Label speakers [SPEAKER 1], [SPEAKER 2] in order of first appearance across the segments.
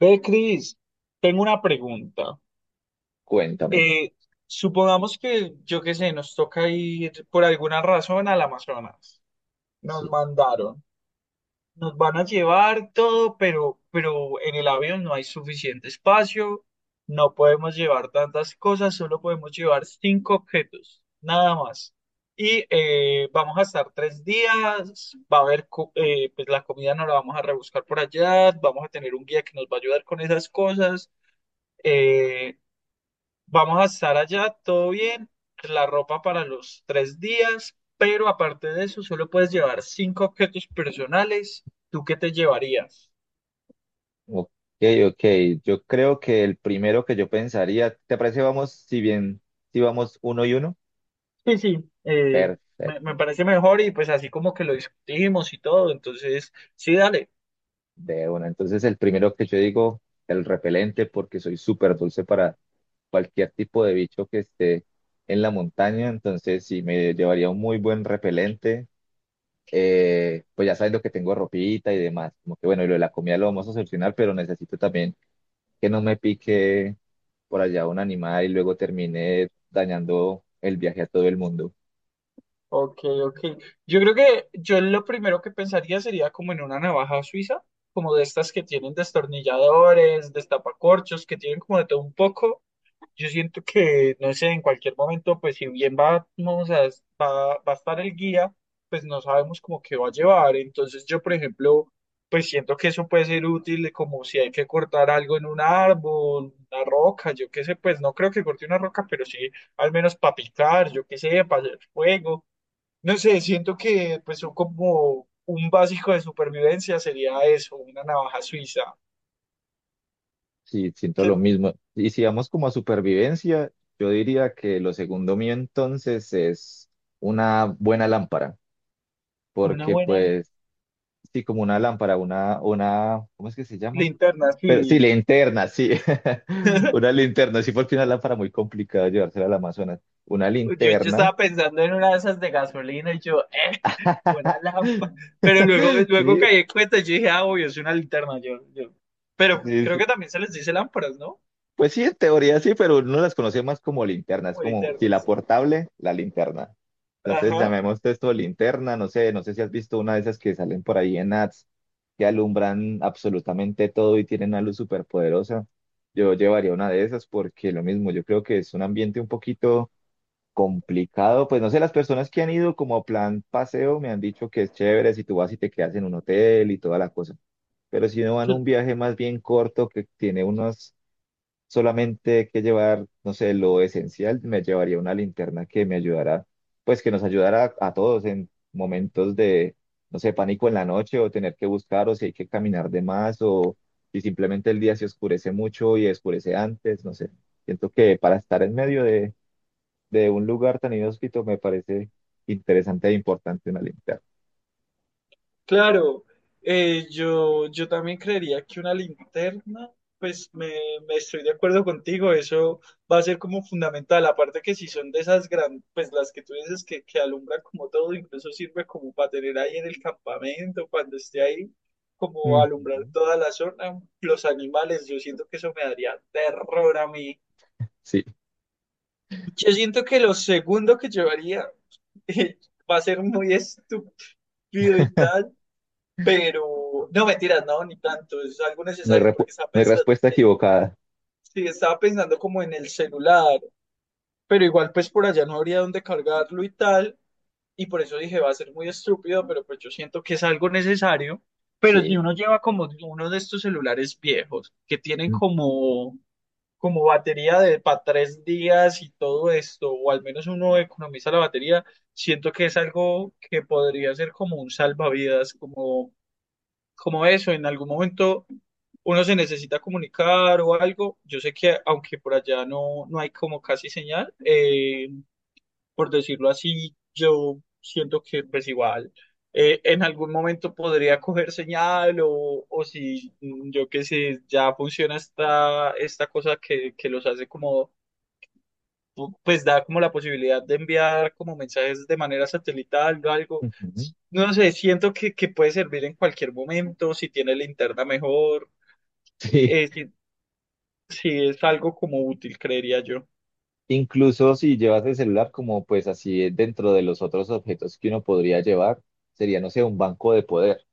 [SPEAKER 1] Ve, Cris, tengo una pregunta.
[SPEAKER 2] Cuéntame.
[SPEAKER 1] Eh, Supongamos que, yo qué sé, nos toca ir por alguna razón al Amazonas. Nos
[SPEAKER 2] Sí.
[SPEAKER 1] mandaron. Nos van a llevar todo, pero en el avión no hay suficiente espacio. No podemos llevar tantas cosas, solo podemos llevar cinco objetos, nada más. Y vamos a estar 3 días, va a haber, pues la comida no la vamos a rebuscar por allá, vamos a tener un guía que nos va a ayudar con esas cosas, eh, vamos a estar allá, todo bien, la ropa para los 3 días, pero aparte de eso, solo puedes llevar cinco objetos personales. ¿Tú qué te llevarías?
[SPEAKER 2] Ok, ok. Yo creo que el primero que yo pensaría, ¿te parece vamos, si bien, si vamos uno y uno?
[SPEAKER 1] Sí, sí, me,
[SPEAKER 2] Perfecto,
[SPEAKER 1] me parece mejor y pues así como que lo discutimos y todo, entonces sí, dale.
[SPEAKER 2] de una. Entonces el primero que yo digo, el repelente, porque soy súper dulce para cualquier tipo de bicho que esté en la montaña. Entonces sí, me llevaría un muy buen repelente. Pues ya sabiendo que tengo ropita y demás. Como que bueno, y lo de la comida lo vamos a solucionar, pero necesito también que no me pique por allá un animal y luego termine dañando el viaje a todo el mundo.
[SPEAKER 1] Ok, ok. Yo creo que yo lo primero que pensaría sería como en una navaja suiza, como de estas que tienen destornilladores, destapacorchos, que tienen como de todo un poco. Yo siento que, no sé, en cualquier momento, pues si bien va a estar el guía, pues no sabemos como qué va a llevar. Entonces yo, por ejemplo, pues siento que eso puede ser útil, como si hay que cortar algo en un árbol, una roca, yo qué sé, pues no creo que corte una roca, pero sí al menos para picar, yo qué sé, para hacer fuego. No sé, siento que pues son como un básico de supervivencia sería eso, una navaja suiza.
[SPEAKER 2] Sí, siento
[SPEAKER 1] Que
[SPEAKER 2] lo mismo. Y si vamos como a supervivencia, yo diría que lo segundo mío entonces es una buena lámpara,
[SPEAKER 1] una
[SPEAKER 2] porque
[SPEAKER 1] buena
[SPEAKER 2] pues sí, como una lámpara, una, ¿cómo es que se llama?
[SPEAKER 1] linterna,
[SPEAKER 2] Pero sí,
[SPEAKER 1] sí.
[SPEAKER 2] linterna, sí, una linterna, sí, porque una lámpara muy complicada llevársela al Amazonas. Una
[SPEAKER 1] Yo
[SPEAKER 2] linterna,
[SPEAKER 1] estaba pensando en una de esas de gasolina y yo, una lámpara. Pero luego, luego
[SPEAKER 2] sí,
[SPEAKER 1] caí en cuenta y yo dije, ah, obvio, es una linterna. Yo. Pero
[SPEAKER 2] sí,
[SPEAKER 1] creo
[SPEAKER 2] sí.
[SPEAKER 1] que también se les dice lámparas, ¿no?
[SPEAKER 2] Pues sí, en teoría sí, pero uno las conoce más como linterna. Es
[SPEAKER 1] Como
[SPEAKER 2] como, si la
[SPEAKER 1] linternas.
[SPEAKER 2] portable, la linterna. Entonces
[SPEAKER 1] Ajá.
[SPEAKER 2] llamemos esto linterna. No sé, no sé si has visto una de esas que salen por ahí en ads que alumbran absolutamente todo y tienen una luz súper poderosa. Yo llevaría una de esas porque lo mismo, yo creo que es un ambiente un poquito complicado. Pues no sé, las personas que han ido como a plan paseo me han dicho que es chévere si tú vas y te quedas en un hotel y toda la cosa. Pero si no van a un viaje más bien corto que tiene unos solamente que llevar, no sé, lo esencial, me llevaría una linterna que me ayudara, pues que nos ayudara a, todos en momentos de, no sé, pánico en la noche o tener que buscar o si hay que caminar de más o si simplemente el día se oscurece mucho y oscurece antes, no sé. Siento que para estar en medio de un lugar tan inhóspito me parece interesante e importante una linterna.
[SPEAKER 1] Claro, yo también creería que una linterna, pues me estoy de acuerdo contigo, eso va a ser como fundamental, aparte que si son de esas grandes, pues las que tú dices que alumbran como todo, incluso sirve como para tener ahí en el campamento, cuando esté ahí, como alumbrar
[SPEAKER 2] Ujú.
[SPEAKER 1] toda la zona, los animales, yo siento que eso me daría terror a mí.
[SPEAKER 2] Sí,
[SPEAKER 1] Yo siento que lo segundo que llevaría, eh, va a ser muy estúpido y tal. Pero, no, mentiras, no, ni tanto, es algo
[SPEAKER 2] no hay,
[SPEAKER 1] necesario
[SPEAKER 2] repu-
[SPEAKER 1] porque estaba
[SPEAKER 2] no hay
[SPEAKER 1] pensando,
[SPEAKER 2] respuesta equivocada.
[SPEAKER 1] sí, estaba pensando como en el celular, pero igual pues por allá no habría dónde cargarlo y tal, y por eso dije va a ser muy estúpido, pero pues yo siento que es algo necesario, pero si
[SPEAKER 2] Sí.
[SPEAKER 1] uno lleva como uno de estos celulares viejos que tienen
[SPEAKER 2] Mm,
[SPEAKER 1] como, batería de para 3 días y todo esto, o al menos uno economiza la batería, siento que es algo que podría ser como un salvavidas, como eso, en algún momento uno se necesita comunicar o algo, yo sé que aunque por allá no, no hay como casi señal, por decirlo así, yo siento que pues igual, en algún momento podría coger señal o si yo qué sé, ya funciona esta cosa que los hace como pues da como la posibilidad de enviar como mensajes de manera satelital o algo.
[SPEAKER 2] ujú.
[SPEAKER 1] No sé, siento que puede servir en cualquier momento, si tiene linterna mejor,
[SPEAKER 2] Sí,
[SPEAKER 1] eh, si, si es algo como útil, creería yo.
[SPEAKER 2] incluso si llevas el celular como pues así dentro de los otros objetos que uno podría llevar, sería, no sé, un banco de poder.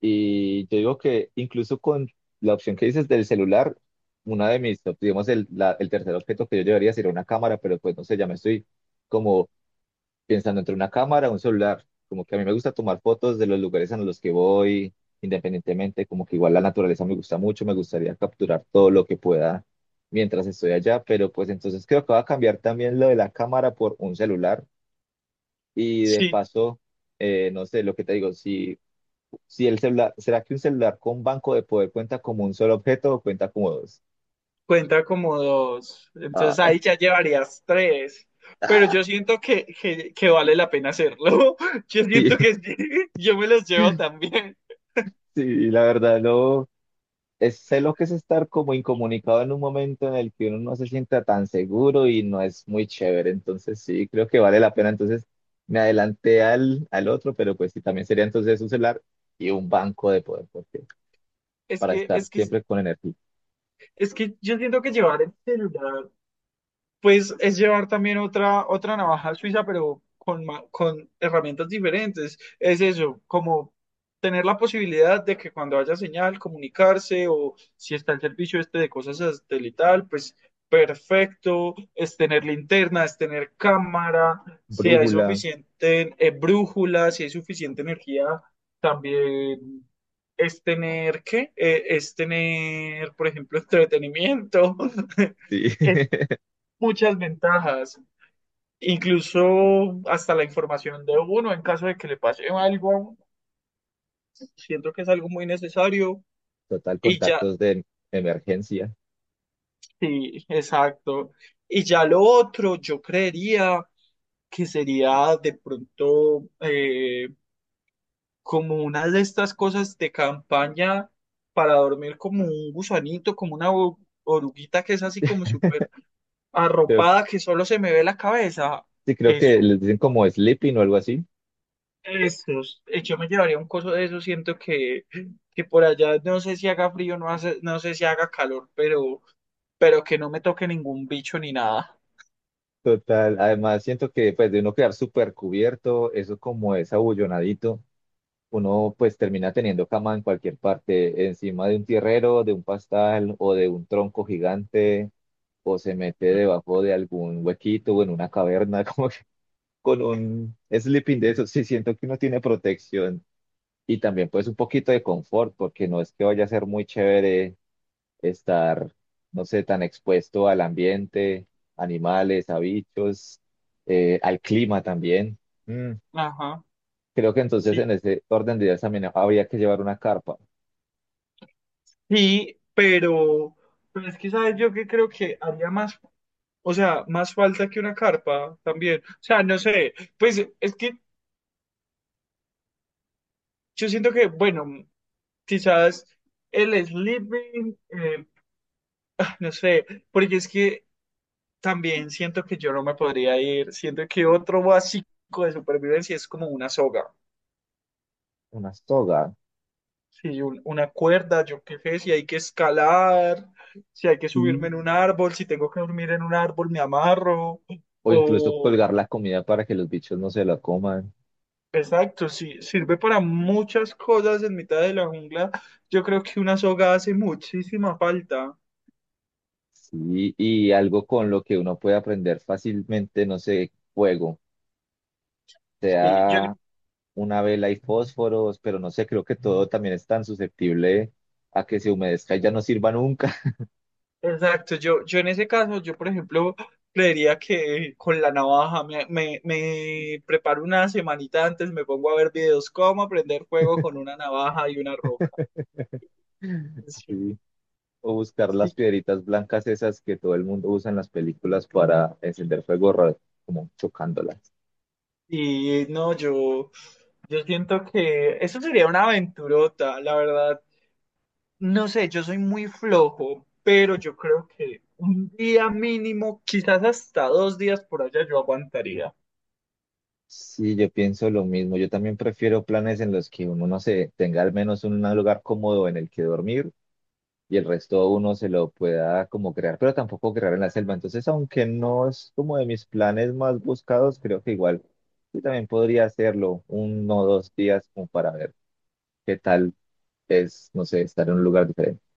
[SPEAKER 2] Y yo digo que incluso con la opción que dices del celular, una de mis, digamos, el, la- el tercer objeto que yo llevaría sería una cámara, pero pues no sé, ya me estoy como pensando entre una cámara, un celular. Como que a mí me gusta tomar fotos de los lugares a los que voy, independientemente, como que igual la naturaleza me gusta mucho, me gustaría capturar todo lo que pueda mientras estoy allá, pero pues entonces creo que va a cambiar también lo de la cámara por un celular y de
[SPEAKER 1] Sí,
[SPEAKER 2] paso, no sé, lo que te digo, si, si el celular, ¿será que un celular con banco de poder cuenta como un solo objeto o cuenta como dos?
[SPEAKER 1] cuenta como dos, entonces
[SPEAKER 2] Ah,
[SPEAKER 1] ahí ya llevarías tres, pero yo siento que vale la pena hacerlo. Yo
[SPEAKER 2] sí,
[SPEAKER 1] siento que sí, yo me los llevo también.
[SPEAKER 2] sí, la verdad no. Es- sé lo que es estar como incomunicado en un momento en el que uno no se sienta tan seguro y no es muy chévere. Entonces sí, creo que vale la pena. Entonces me adelanté al, al otro, pero pues sí, también sería entonces un celular y un banco de poder, porque
[SPEAKER 1] Es
[SPEAKER 2] para
[SPEAKER 1] que,
[SPEAKER 2] estar
[SPEAKER 1] es que,
[SPEAKER 2] siempre con energía.
[SPEAKER 1] es que yo siento que llevar el celular pues es llevar también otra navaja suiza, pero con herramientas diferentes. Es eso, como tener la posibilidad de que cuando haya señal, comunicarse o si está el servicio este de cosas satelital, pues perfecto, es tener linterna, es tener cámara, si hay
[SPEAKER 2] Brújula,
[SPEAKER 1] suficiente, brújula, si hay suficiente energía, también es tener, ¿qué? Es tener, por ejemplo, entretenimiento.
[SPEAKER 2] sí.
[SPEAKER 1] Es muchas ventajas, incluso hasta la información de uno en caso de que le pase algo, siento que es algo muy necesario
[SPEAKER 2] Total,
[SPEAKER 1] y ya,
[SPEAKER 2] contactos de emergencia.
[SPEAKER 1] sí, exacto. Y ya lo otro, yo creería que sería de pronto, como una de estas cosas de campaña para dormir como un gusanito, como una oruguita que es así como súper
[SPEAKER 2] Creo-
[SPEAKER 1] arropada que solo se me ve la cabeza.
[SPEAKER 2] sí, creo que
[SPEAKER 1] Eso.
[SPEAKER 2] les dicen como sleeping o algo así.
[SPEAKER 1] Estos, yo me llevaría un coso de eso, siento que, por allá no sé si haga frío, no, hace, no sé si haga calor, pero, que no me toque ningún bicho ni nada.
[SPEAKER 2] Total, además siento que pues de uno quedar súper cubierto, eso como es abullonadito uno pues termina teniendo cama en cualquier parte, encima de un tierrero, de un pastal o de un tronco gigante, o se mete
[SPEAKER 1] Mm,
[SPEAKER 2] debajo de algún huequito o en una caverna, como que con un sleeping de eso, sí siento que uno tiene protección y también pues un poquito de confort, porque no es que vaya a ser muy chévere estar, no sé, tan expuesto al ambiente, animales, a bichos, al clima también. Mm,
[SPEAKER 1] ajá,
[SPEAKER 2] creo que entonces en
[SPEAKER 1] sí.
[SPEAKER 2] ese orden de ideas también habría que llevar una carpa
[SPEAKER 1] Sí, pero es que sabes yo que creo que haría más, o sea, más falta que una carpa también. O sea, no sé, pues es que yo siento que, bueno, quizás el sleeping, ah, no sé, porque es que también siento que yo no me podría ir. Siento que otro básico de supervivencia es como una soga.
[SPEAKER 2] una soga.
[SPEAKER 1] Si una cuerda, yo qué sé, si hay que escalar, si hay que
[SPEAKER 2] Mm.
[SPEAKER 1] subirme en un árbol, si tengo que dormir en un árbol, me amarro.
[SPEAKER 2] O incluso
[SPEAKER 1] O,
[SPEAKER 2] colgar la comida para que los bichos no se la coman.
[SPEAKER 1] exacto, si sirve para muchas cosas en mitad de la jungla. Yo creo que una soga hace muchísima falta.
[SPEAKER 2] Sí, y algo con lo que uno puede aprender fácilmente, no sé, fuego.
[SPEAKER 1] Sí, yo
[SPEAKER 2] Sea una vela y fósforos, pero no sé, creo que todo también es tan susceptible a que se humedezca y ya no sirva nunca.
[SPEAKER 1] exacto, yo en ese caso, yo por ejemplo, creería que con la navaja me preparo una semanita antes, me pongo a ver videos cómo aprender fuego con una navaja y una roca. Sí,
[SPEAKER 2] Sí. O buscar las
[SPEAKER 1] sí.
[SPEAKER 2] piedritas blancas esas que todo el mundo usa en las películas para encender fuego, ra- como chocándolas.
[SPEAKER 1] Y no, yo siento que eso sería una aventurota, la verdad. No sé, yo soy muy flojo, pero yo creo que un día mínimo, quizás hasta 2 días por allá, yo aguantaría.
[SPEAKER 2] Sí, yo pienso lo mismo. Yo también prefiero planes en los que uno, no sé, tenga al menos un lugar cómodo en el que dormir y el resto uno se lo pueda como crear, pero tampoco crear en la selva. Entonces, aunque no es como de mis planes más buscados, creo que igual yo también podría hacerlo uno o dos días como para ver qué tal es, no sé, estar en un lugar diferente.